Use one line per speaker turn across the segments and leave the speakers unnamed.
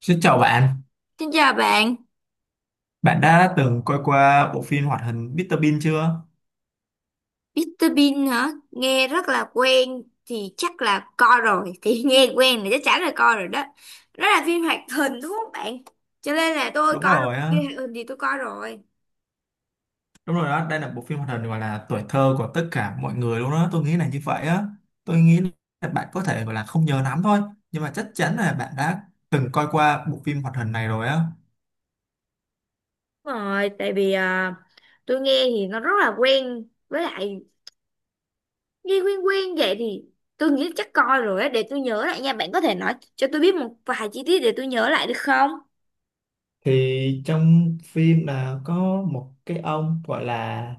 Xin chào bạn,
Xin chào bạn.
bạn đã từng coi qua bộ phim hoạt hình Mr. Bean chưa?
Mr. Bean hả? Nghe rất là quen thì chắc là coi rồi thì nghe quen thì chắc chắn là coi rồi đó. Đó là phim hoạt hình đúng không bạn? Cho nên là tôi
Đúng
coi rồi,
rồi á,
phim hoạt hình thì tôi coi rồi.
đúng rồi đó, đây là bộ phim hoạt hình gọi là tuổi thơ của tất cả mọi người luôn đó, tôi nghĩ là như vậy á. Tôi nghĩ là bạn có thể gọi là không nhớ lắm thôi, nhưng mà chắc chắn là bạn đã từng coi qua bộ phim hoạt hình này rồi á.
Đúng rồi, tại vì tôi nghe thì nó rất là quen, với lại nghe quen quen vậy thì tôi nghĩ chắc coi rồi á, để tôi nhớ lại nha. Bạn có thể nói cho tôi biết một vài chi tiết để tôi nhớ lại được không?
Thì trong phim là có một cái ông gọi là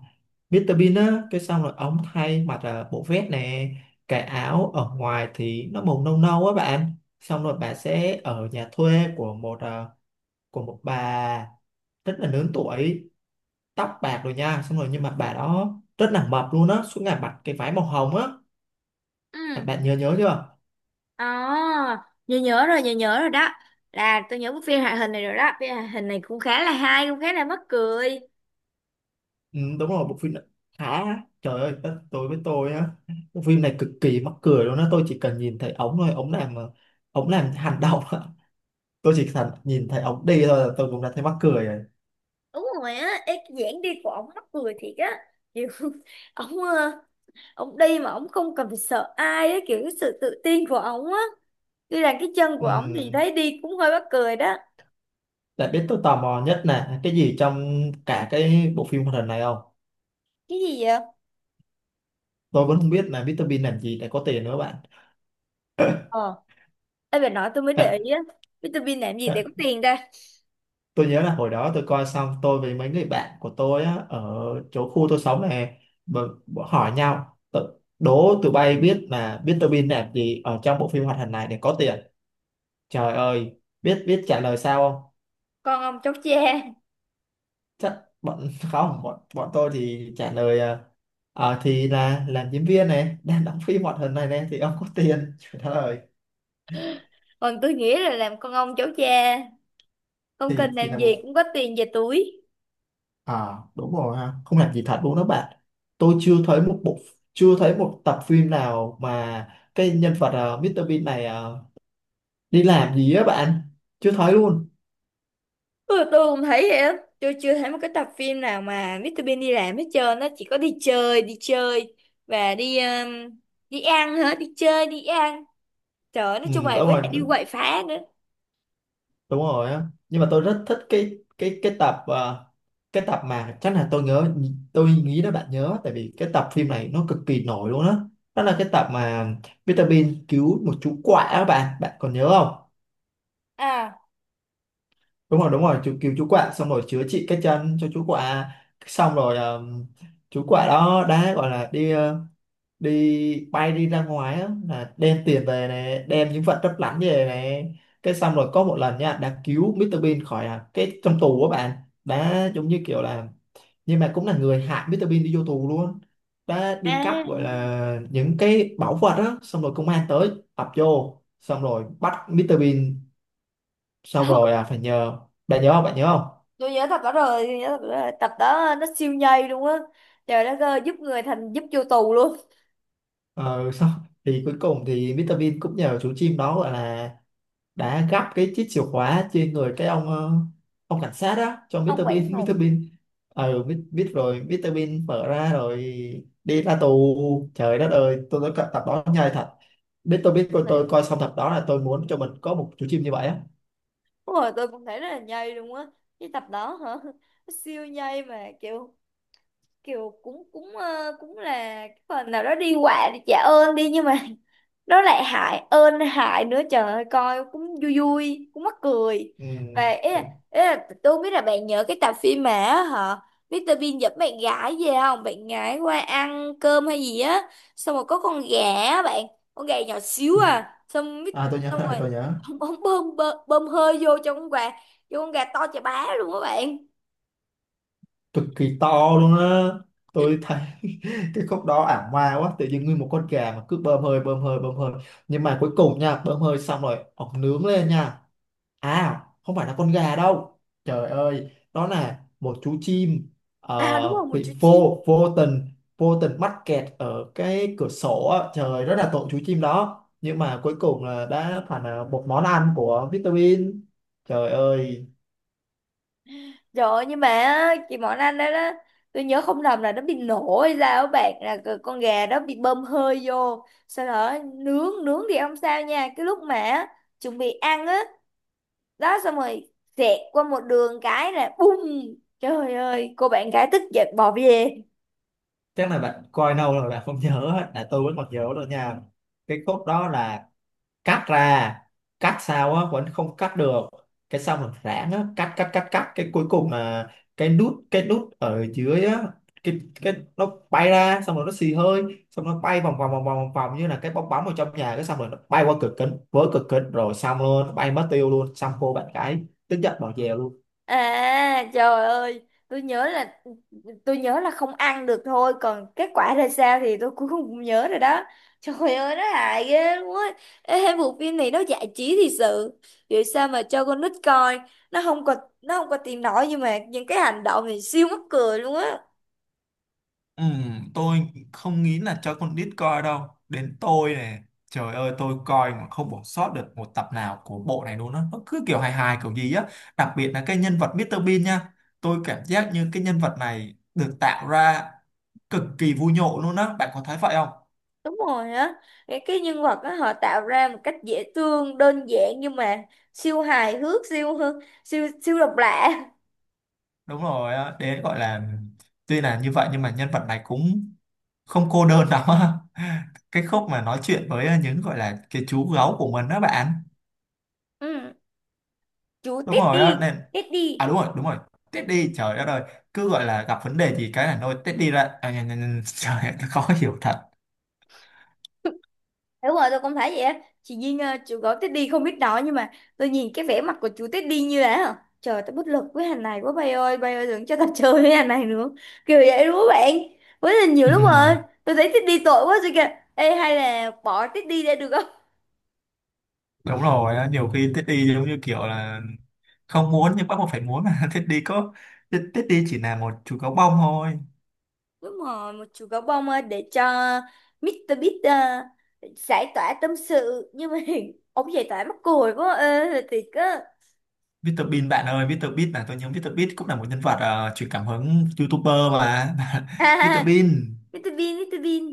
Mr. Bean á, cái xong rồi ông thay mặc là bộ vest nè, cái áo ở ngoài thì nó màu nâu nâu á bạn. Xong rồi bà sẽ ở nhà thuê của một của một bà rất là lớn tuổi, tóc bạc rồi nha. Xong rồi nhưng mà bà đó rất là mập luôn á, suốt ngày mặc cái váy màu hồng á. bạn
Ừ.
bạn nhớ nhớ chưa?
À, nhớ nhớ rồi đó. Là tôi nhớ bức phim hoạt hình này rồi đó. Phim hoạt hình này cũng khá là hay, cũng khá là mắc cười.
Ừ, đúng rồi, bộ phim này khá, trời ơi đất tôi với tôi á, bộ phim này cực kỳ mắc cười luôn á. Tôi chỉ cần nhìn thấy ống thôi, ống làm ống làm hành động á, tôi chỉ cần nhìn thấy ống đi thôi là tôi cũng đã thấy mắc cười rồi.
Đúng rồi á, ê, cái dáng đi của ổng mắc cười thiệt á. Kiểu ổng ổng đi mà ổng không cần phải sợ ai á, kiểu cái sự tự tin của ổng á. Tuy là cái chân của
Ừ.
ổng thì thấy đi cũng hơi mắc cười đó.
Đã biết tôi tò mò nhất là cái gì trong cả cái bộ phim hoạt hình này không?
Cái gì vậy?
Tôi vẫn không biết là Mr Bean làm gì để có tiền nữa bạn.
Ờ, ê bà nói tôi mới
Bạn,
để ý á. Vitamin làm gì để có tiền ta?
tôi nhớ là hồi đó tôi coi xong tôi với mấy người bạn của tôi á, ở chỗ khu tôi sống này, bọn hỏi nhau, đố tụi bay biết là biết Mr. Bean làm gì ở trong bộ phim hoạt hình này để có tiền, trời ơi biết biết trả lời sao không.
Con ông cháu cha.
Chắc bọn không, bọn bọn tôi thì trả lời thì là làm diễn viên này, đang đóng phim hoạt hình này này thì ông có tiền trời đất ơi.
Còn tôi nghĩ là làm con ông cháu cha. Không
Thì
cần
chỉ
làm
là một.
gì cũng có tiền về túi.
À đúng rồi ha, không làm gì thật luôn đó bạn. Tôi chưa thấy một bộ, chưa thấy một tập phim nào mà cái nhân vật Mr. Bean này đi làm gì á bạn. Chưa thấy luôn.
Ừ, tôi cũng thấy vậy á, tôi chưa thấy một cái tập phim nào mà Mr Bean đi làm hết trơn. Nó chỉ có đi chơi, đi chơi và đi đi ăn, hả, đi chơi đi ăn, trời ơi, nói
Ừ
chung là với lại đi quậy phá nữa.
đúng rồi á. Nhưng mà tôi rất thích cái cái tập cái tập mà chắc là tôi nhớ, tôi nghĩ đó bạn nhớ tại vì cái tập phim này nó cực kỳ nổi luôn á. Đó. Đó là cái tập mà Mr. Bean cứu một chú quạ á bạn, bạn còn nhớ không?
À.
Đúng rồi, đúng rồi, chú cứu chú quạ xong rồi chữa trị cái chân cho chú quạ. Xong rồi chú quạ đó đã gọi là đi đi bay đi ra ngoài á, là đem tiền về này, đem những vật lấp lánh về này, cái xong rồi có một lần nha đã cứu Mr Bean khỏi cái trong tù của bạn. Đã giống như kiểu là, nhưng mà cũng là người hại Mr Bean đi vô tù luôn. Đã đi
À.
cắp gọi là những cái bảo vật á, xong rồi công an tới ập vô xong rồi bắt Mr Bean,
Ừ.
xong rồi phải nhờ. Bạn nhớ không?
Tôi nhớ tập đó rồi, tôi nhớ tập đó rồi, tập đó nó siêu nhây luôn á. Trời đất ơi, giúp người thành giúp vô tù luôn.
Ờ, sau thì cuối cùng thì Mr. Bean cũng nhờ chú chim đó gọi là, đã gắp cái chiếc chìa khóa trên người cái ông ông cảnh sát đó cho
Ông
Mr.
Quảng
Bean Mr.
Ngọc
Bean ờ biết, biết rồi Mr. Bean mở ra rồi đi ra tù, trời đất ơi tôi nói tập đó nhai thật, biết tôi biết coi
này,
tôi coi xong tập đó là tôi muốn cho mình có một chú chim như vậy á.
đúng rồi, tôi cũng thấy rất là nhây luôn á. Cái tập đó hả? Nó siêu nhây mà kiểu, kiểu cũng cũng cũng là cái phần nào đó đi quạ để trả ơn đi, nhưng mà nó lại hại ơn hại nữa, trời ơi, coi cũng vui vui, cũng mắc cười.
Ừ.
Và ý là tôi không biết là bạn nhớ cái tập phim mà á hả, Mr Bean dẫn bạn gái về không, bạn gái qua ăn cơm hay gì á, xong rồi có con gà á bạn, con gà nhỏ xíu,
Ừ.
à xong mít,
À tôi nhớ
xong
rồi,
rồi
tôi nhớ.
ông bơm bơm, bơm hơi vô cho con gà, cho con gà to chà bá luôn các bạn.
Cực kỳ to luôn á, tôi thấy cái khúc đó ảo ma quá, tự nhiên nguyên một con gà mà cứ bơm hơi bơm hơi bơm hơi, nhưng mà cuối cùng nha bơm hơi xong rồi ổng nướng lên nha. À không phải là con gà đâu, trời ơi đó là một chú chim
À đúng rồi, một
bị
chú chim.
vô vô tình, vô tình mắc kẹt ở cái cửa sổ á. Trời rất là tội chú chim đó nhưng mà cuối cùng là đã phải là một món ăn của Vitamin, trời ơi.
Trời ơi, nhưng mà á, chị Mọn Anh đó đó, tôi nhớ không lầm là nó bị nổ hay sao á bạn, là con gà đó bị bơm hơi vô, sau đó nướng nướng thì không sao nha, cái lúc mà chuẩn bị ăn á, đó, xong rồi xẹt qua một đường cái là bum, trời ơi, cô bạn gái tức giận bỏ về.
Chắc là bạn coi lâu rồi bạn không nhớ á, là tôi vẫn còn nhớ được nha. Cái khúc đó là cắt ra, cắt sao á vẫn không cắt được, cái sau mình rãng á cắt cắt, cái cuối cùng là cái nút, cái nút ở dưới á, cái nó bay ra xong rồi nó xì hơi, xong nó bay vòng vòng vòng vòng vòng vòng như là cái bong bóng ở trong nhà, cái xong rồi nó bay qua cửa kính, vỡ cửa kính rồi, xong luôn, bay mất tiêu luôn, xong cô bạn gái tức giận bỏ về luôn.
À trời ơi, tôi nhớ là tôi nhớ là không ăn được thôi, còn kết quả ra sao thì tôi cũng không nhớ rồi đó. Trời ơi nó hại ghê luôn á. Ê, bộ phim này nó giải trí thì sự. Vậy sao mà cho con nít coi, nó không có nó không có tiền nổi, nhưng mà những cái hành động này siêu mắc cười luôn á.
Ừ, tôi không nghĩ là cho con nít coi đâu, đến tôi này trời ơi tôi coi mà không bỏ sót được một tập nào của bộ này luôn á, nó cứ kiểu hài hài kiểu gì á. Đặc biệt là cái nhân vật Mr. Bean nha, tôi cảm giác như cái nhân vật này được tạo ra cực kỳ vui nhộn luôn á, bạn có thấy vậy không?
Đúng rồi á. Cái nhân vật á họ tạo ra một cách dễ thương, đơn giản nhưng mà siêu hài hước, siêu siêu siêu độc lạ.
Đúng rồi á, đấy gọi là tuy là như vậy nhưng mà nhân vật này cũng không cô đơn lắm á cái khúc mà nói chuyện với những gọi là cái chú gấu của mình đó bạn.
Ừ, chú
Đúng rồi á
Teddy,
nên, à
Teddy.
đúng rồi đúng rồi, tết đi trời đất ơi, cứ gọi là gặp vấn đề gì cái là nôi Teddy ra nhờ, trời ơi, nó khó hiểu thật.
Đúng rồi, tôi cũng thấy vậy á. Chị Duyên chú gấu Teddy không biết nói, nhưng mà tôi nhìn cái vẻ mặt của chú Teddy như là hả? Trời tôi bất lực với hàng này quá, bay ơi đừng cho tao chơi với hàng này nữa. Kiểu vậy đúng không bạn? Với là nhiều lúc rồi,
Ừm,
tôi thấy Teddy tội quá rồi kìa. Ê hay là bỏ Teddy ra được không?
đúng rồi á, nhiều khi tết đi giống như kiểu là không muốn nhưng bắt buộc phải muốn mà tết đi có, tết Tết đi chỉ là một chú gấu bông thôi.
Đúng rồi, một chú gấu bông để cho Mr. Beast giải tỏa tâm sự, nhưng mà ông giải tỏa mắc cười quá ơi thiệt á.
Mr Bean bạn ơi, Mr Bean là tôi nhớ Mr Bean cũng là một nhân vật truyền cảm hứng YouTuber mà
Ha
Mr
ha,
Bean.
Mr. Bean, Mr. Bean.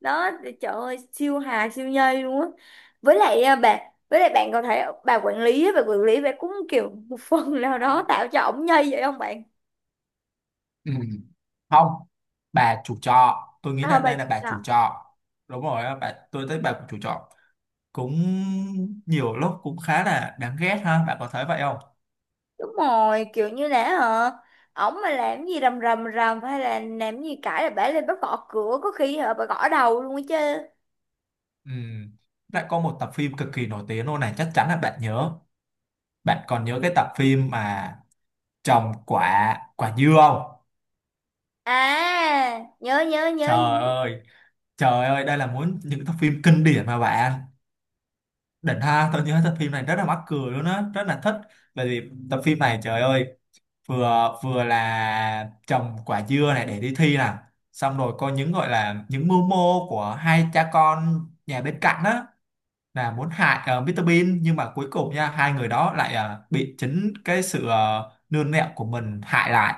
Đó, trời ơi siêu hà siêu nhây luôn á. với lại à, bà với lại bạn còn thấy bà quản lý á, bà quản lý bà cũng kiểu một phần nào đó tạo cho ổng nhây vậy không bạn?
Ừ. Không, bà chủ trọ, tôi nghĩ
à,
là
bà
đây là bà chủ
à,
trọ. Đúng rồi á, bà tôi thấy bà chủ trọ cũng nhiều lúc cũng khá là đáng ghét ha, bạn có thấy vậy không?
đúng rồi, kiểu như là hả, ổng mà làm gì rầm rầm rầm hay là làm gì cãi là bả lên bắt gõ cửa, có khi hả bà gõ đầu luôn á chứ.
Ừ. Lại có một tập phim cực kỳ nổi tiếng luôn này, chắc chắn là bạn nhớ. Bạn còn nhớ cái tập phim mà trồng quả quả dưa không?
À, nhớ
Trời
nhớ.
ơi, trời ơi, đây là muốn những tập phim kinh điển mà bạn. Đỉnh ha, tôi nhớ tập phim này rất là mắc cười luôn á, rất là thích. Bởi vì tập phim này trời ơi, vừa vừa là trồng quả dưa này để đi thi nè, xong rồi có những gọi là những mưu mô của hai cha con nhà bên cạnh á, là muốn hại Mr Bean nhưng mà cuối cùng nha hai người đó lại bị chính cái sự nương nẹo của mình hại lại.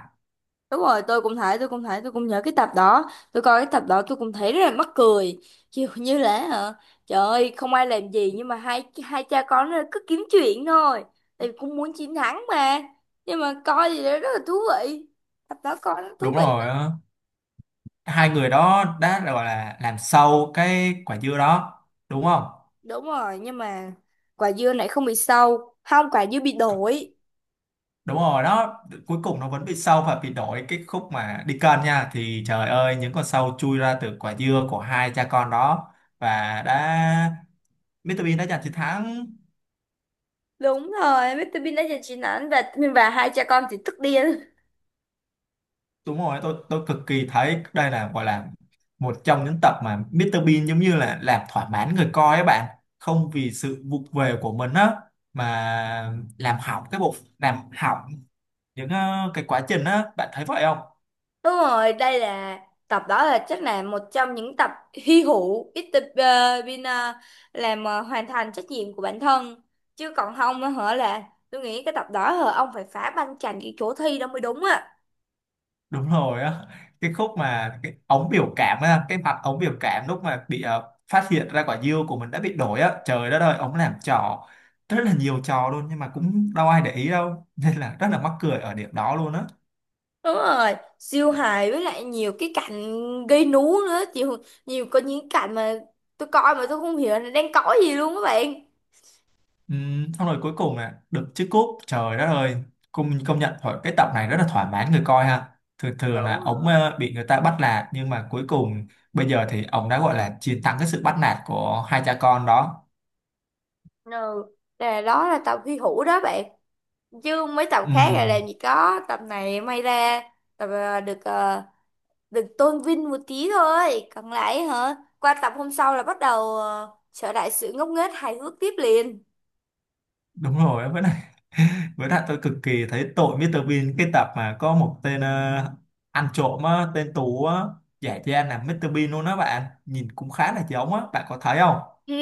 Đúng rồi, tôi cũng nhớ cái tập đó. Tôi coi cái tập đó tôi cũng thấy rất là mắc cười. Kiểu như là hả? Trời ơi, không ai làm gì nhưng mà hai hai cha con nó cứ kiếm chuyện thôi. Tại vì cũng muốn chiến thắng mà. Nhưng mà coi thì nó rất là thú vị. Tập đó coi nó thú
Đúng
vị.
rồi á. Hai người đó đã gọi là làm sâu cái quả dưa đó đúng không?
Đúng rồi, nhưng mà quả dưa này không bị sâu. Không, quả dưa bị đổi.
Đúng rồi đó, cuối cùng nó vẫn bị sâu và bị đổi, cái khúc mà đi cân nha thì trời ơi những con sâu chui ra từ quả dưa của hai cha con đó, và đã, Mr Bean đã giành chiến thắng.
Đúng rồi, Mr. Bean đã giành chiến thắng, và hai cha con thì tức điên.
Đúng rồi, tôi cực kỳ thấy đây là gọi là một trong những tập mà Mr Bean giống như là làm thỏa mãn người coi ấy bạn, không vì sự vụng về của mình á mà làm hỏng cái bộ, làm hỏng những cái quá trình á, bạn thấy vậy không?
Đúng rồi, đây là, tập đó là chắc là một trong những tập hy hữu, ít tập ờ, bên ờ, làm ờ, hoàn thành trách nhiệm của bản thân, chứ còn không á hả, là tôi nghĩ cái tập đó hả ông phải phá banh chành cái chỗ thi đó mới đúng á.
Đúng rồi á, cái khúc mà cái ống biểu cảm á, cái mặt ống biểu cảm lúc mà bị phát hiện ra quả dưa của mình đã bị đổi á, trời đất ơi ống làm trò, rất là nhiều trò luôn nhưng mà cũng đâu ai để ý đâu nên là rất là mắc cười ở điểm đó luôn á.
Đúng rồi siêu hài, với lại nhiều cái cảnh gây nú nữa, nhiều nhiều có những cảnh mà tôi coi mà tôi không hiểu là đang cõi gì luôn các bạn.
Xong rồi cuối cùng là được chiếc cúp, trời đất ơi, công công nhận thôi cái tập này rất là thỏa mãn người coi ha. Thường thường là ống bị người ta bắt nạt nhưng mà cuối cùng bây giờ thì ông đã gọi là chiến thắng cái sự bắt nạt của hai cha con đó.
Ừ, là đó là tập hy hữu đó bạn, chứ mấy tập khác là làm
Ừm,
gì có. Tập này may ra, tập được tôn vinh một tí thôi, còn lại hả qua tập hôm sau là bắt đầu trở lại sự ngốc nghếch hài hước tiếp liền.
đúng rồi, với lại, với lại tôi cực kỳ thấy tội Mr. Bean, cái tập mà có một tên ăn trộm á, tên Tú á, giả trang là Mr. Bean luôn đó bạn. Nhìn cũng khá là giống á, bạn có thấy không?
Ừ.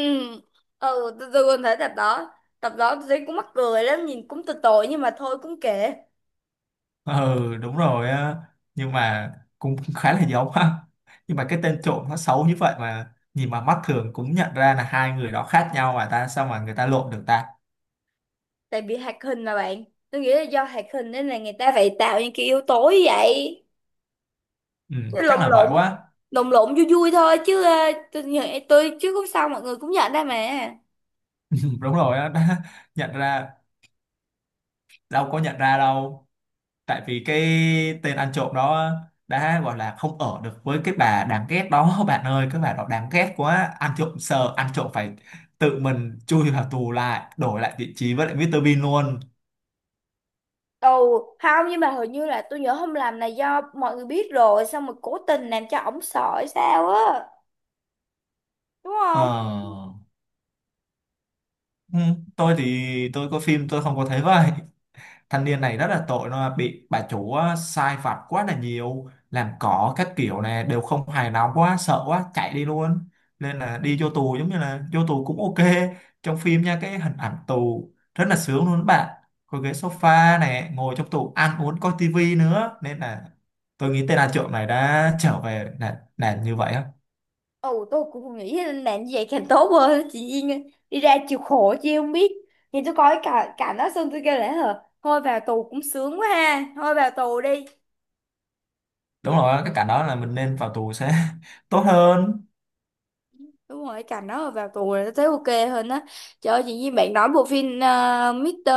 Tôi còn thấy tập đó, tập đó tôi thấy cũng mắc cười lắm, nhìn cũng tội tội, nhưng mà thôi cũng kệ.
Ừ, đúng rồi á. Nhưng mà cũng khá là giống á. Nhưng mà cái tên trộm nó xấu như vậy mà nhìn mà mắt thường cũng nhận ra là hai người đó khác nhau mà ta, sao mà người ta lộn được ta?
Tại vì hoạt hình mà bạn, tôi nghĩ là do hoạt hình nên là người ta phải tạo những cái yếu tố như vậy.
Ừ,
Chứ lộn
chắc là
lộn,
vậy quá.
lộn vui vui thôi, chứ tôi chứ cũng sao mọi người cũng nhận ra mà.
Ừ, đúng rồi á, đã nhận ra, đâu có nhận ra đâu. Tại vì cái tên ăn trộm đó đã gọi là không ở được với cái bà đáng ghét đó bạn ơi, cái bà đó đáng ghét quá, ăn trộm sợ, ăn trộm phải tự mình chui vào tù, lại đổi lại vị trí với lại mít tơ Bean luôn.
Ồ, không, nhưng mà hình như là tôi nhớ hôm làm này, do mọi người biết rồi xong rồi cố tình làm cho ổng sợ hay sao á, đúng không?
Ờ, ừ, tôi thì tôi có phim tôi không có thấy vậy. Thanh niên này rất là tội, nó bị bà chủ á sai vặt quá là nhiều, làm cỏ các kiểu này đều không hài lòng quá, sợ quá, chạy đi luôn nên là đi vô tù, giống như là vô tù cũng ok. Trong phim nha, cái hình ảnh tù rất là sướng luôn các bạn, có ghế sofa này, ngồi trong tù ăn uống coi tivi nữa, nên là tôi nghĩ tên ăn trộm này đã trở về là như vậy á.
Ồ tôi cũng nghĩ là làm như vậy càng tốt hơn. Chị Duyên đi ra chịu khổ chứ không biết, nhìn tôi coi cả cả nó xong tôi kêu, lẽ hờ, thôi vào tù cũng sướng quá ha, thôi vào tù đi.
Đúng rồi, cái cảnh đó là mình nên vào tù sẽ tốt hơn.
Đúng rồi, cả nó vào tù là tôi thấy ok hơn á. Trời ơi chị Duyên, bạn nói bộ phim Mr.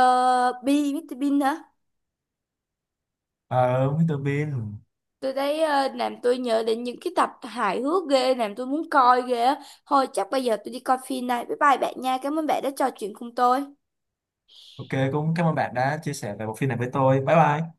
Bean, Mr. Bean hả.
Ờ, Mr. Bean,
Tôi thấy làm tôi nhớ đến những cái tập hài hước ghê, làm tôi muốn coi ghê á. Thôi chắc bây giờ tôi đi coi phim này. Bye bye bạn nha. Cảm ơn bạn đã trò chuyện cùng tôi.
ok cũng cảm ơn bạn đã chia sẻ về bộ phim này với tôi, bye bye.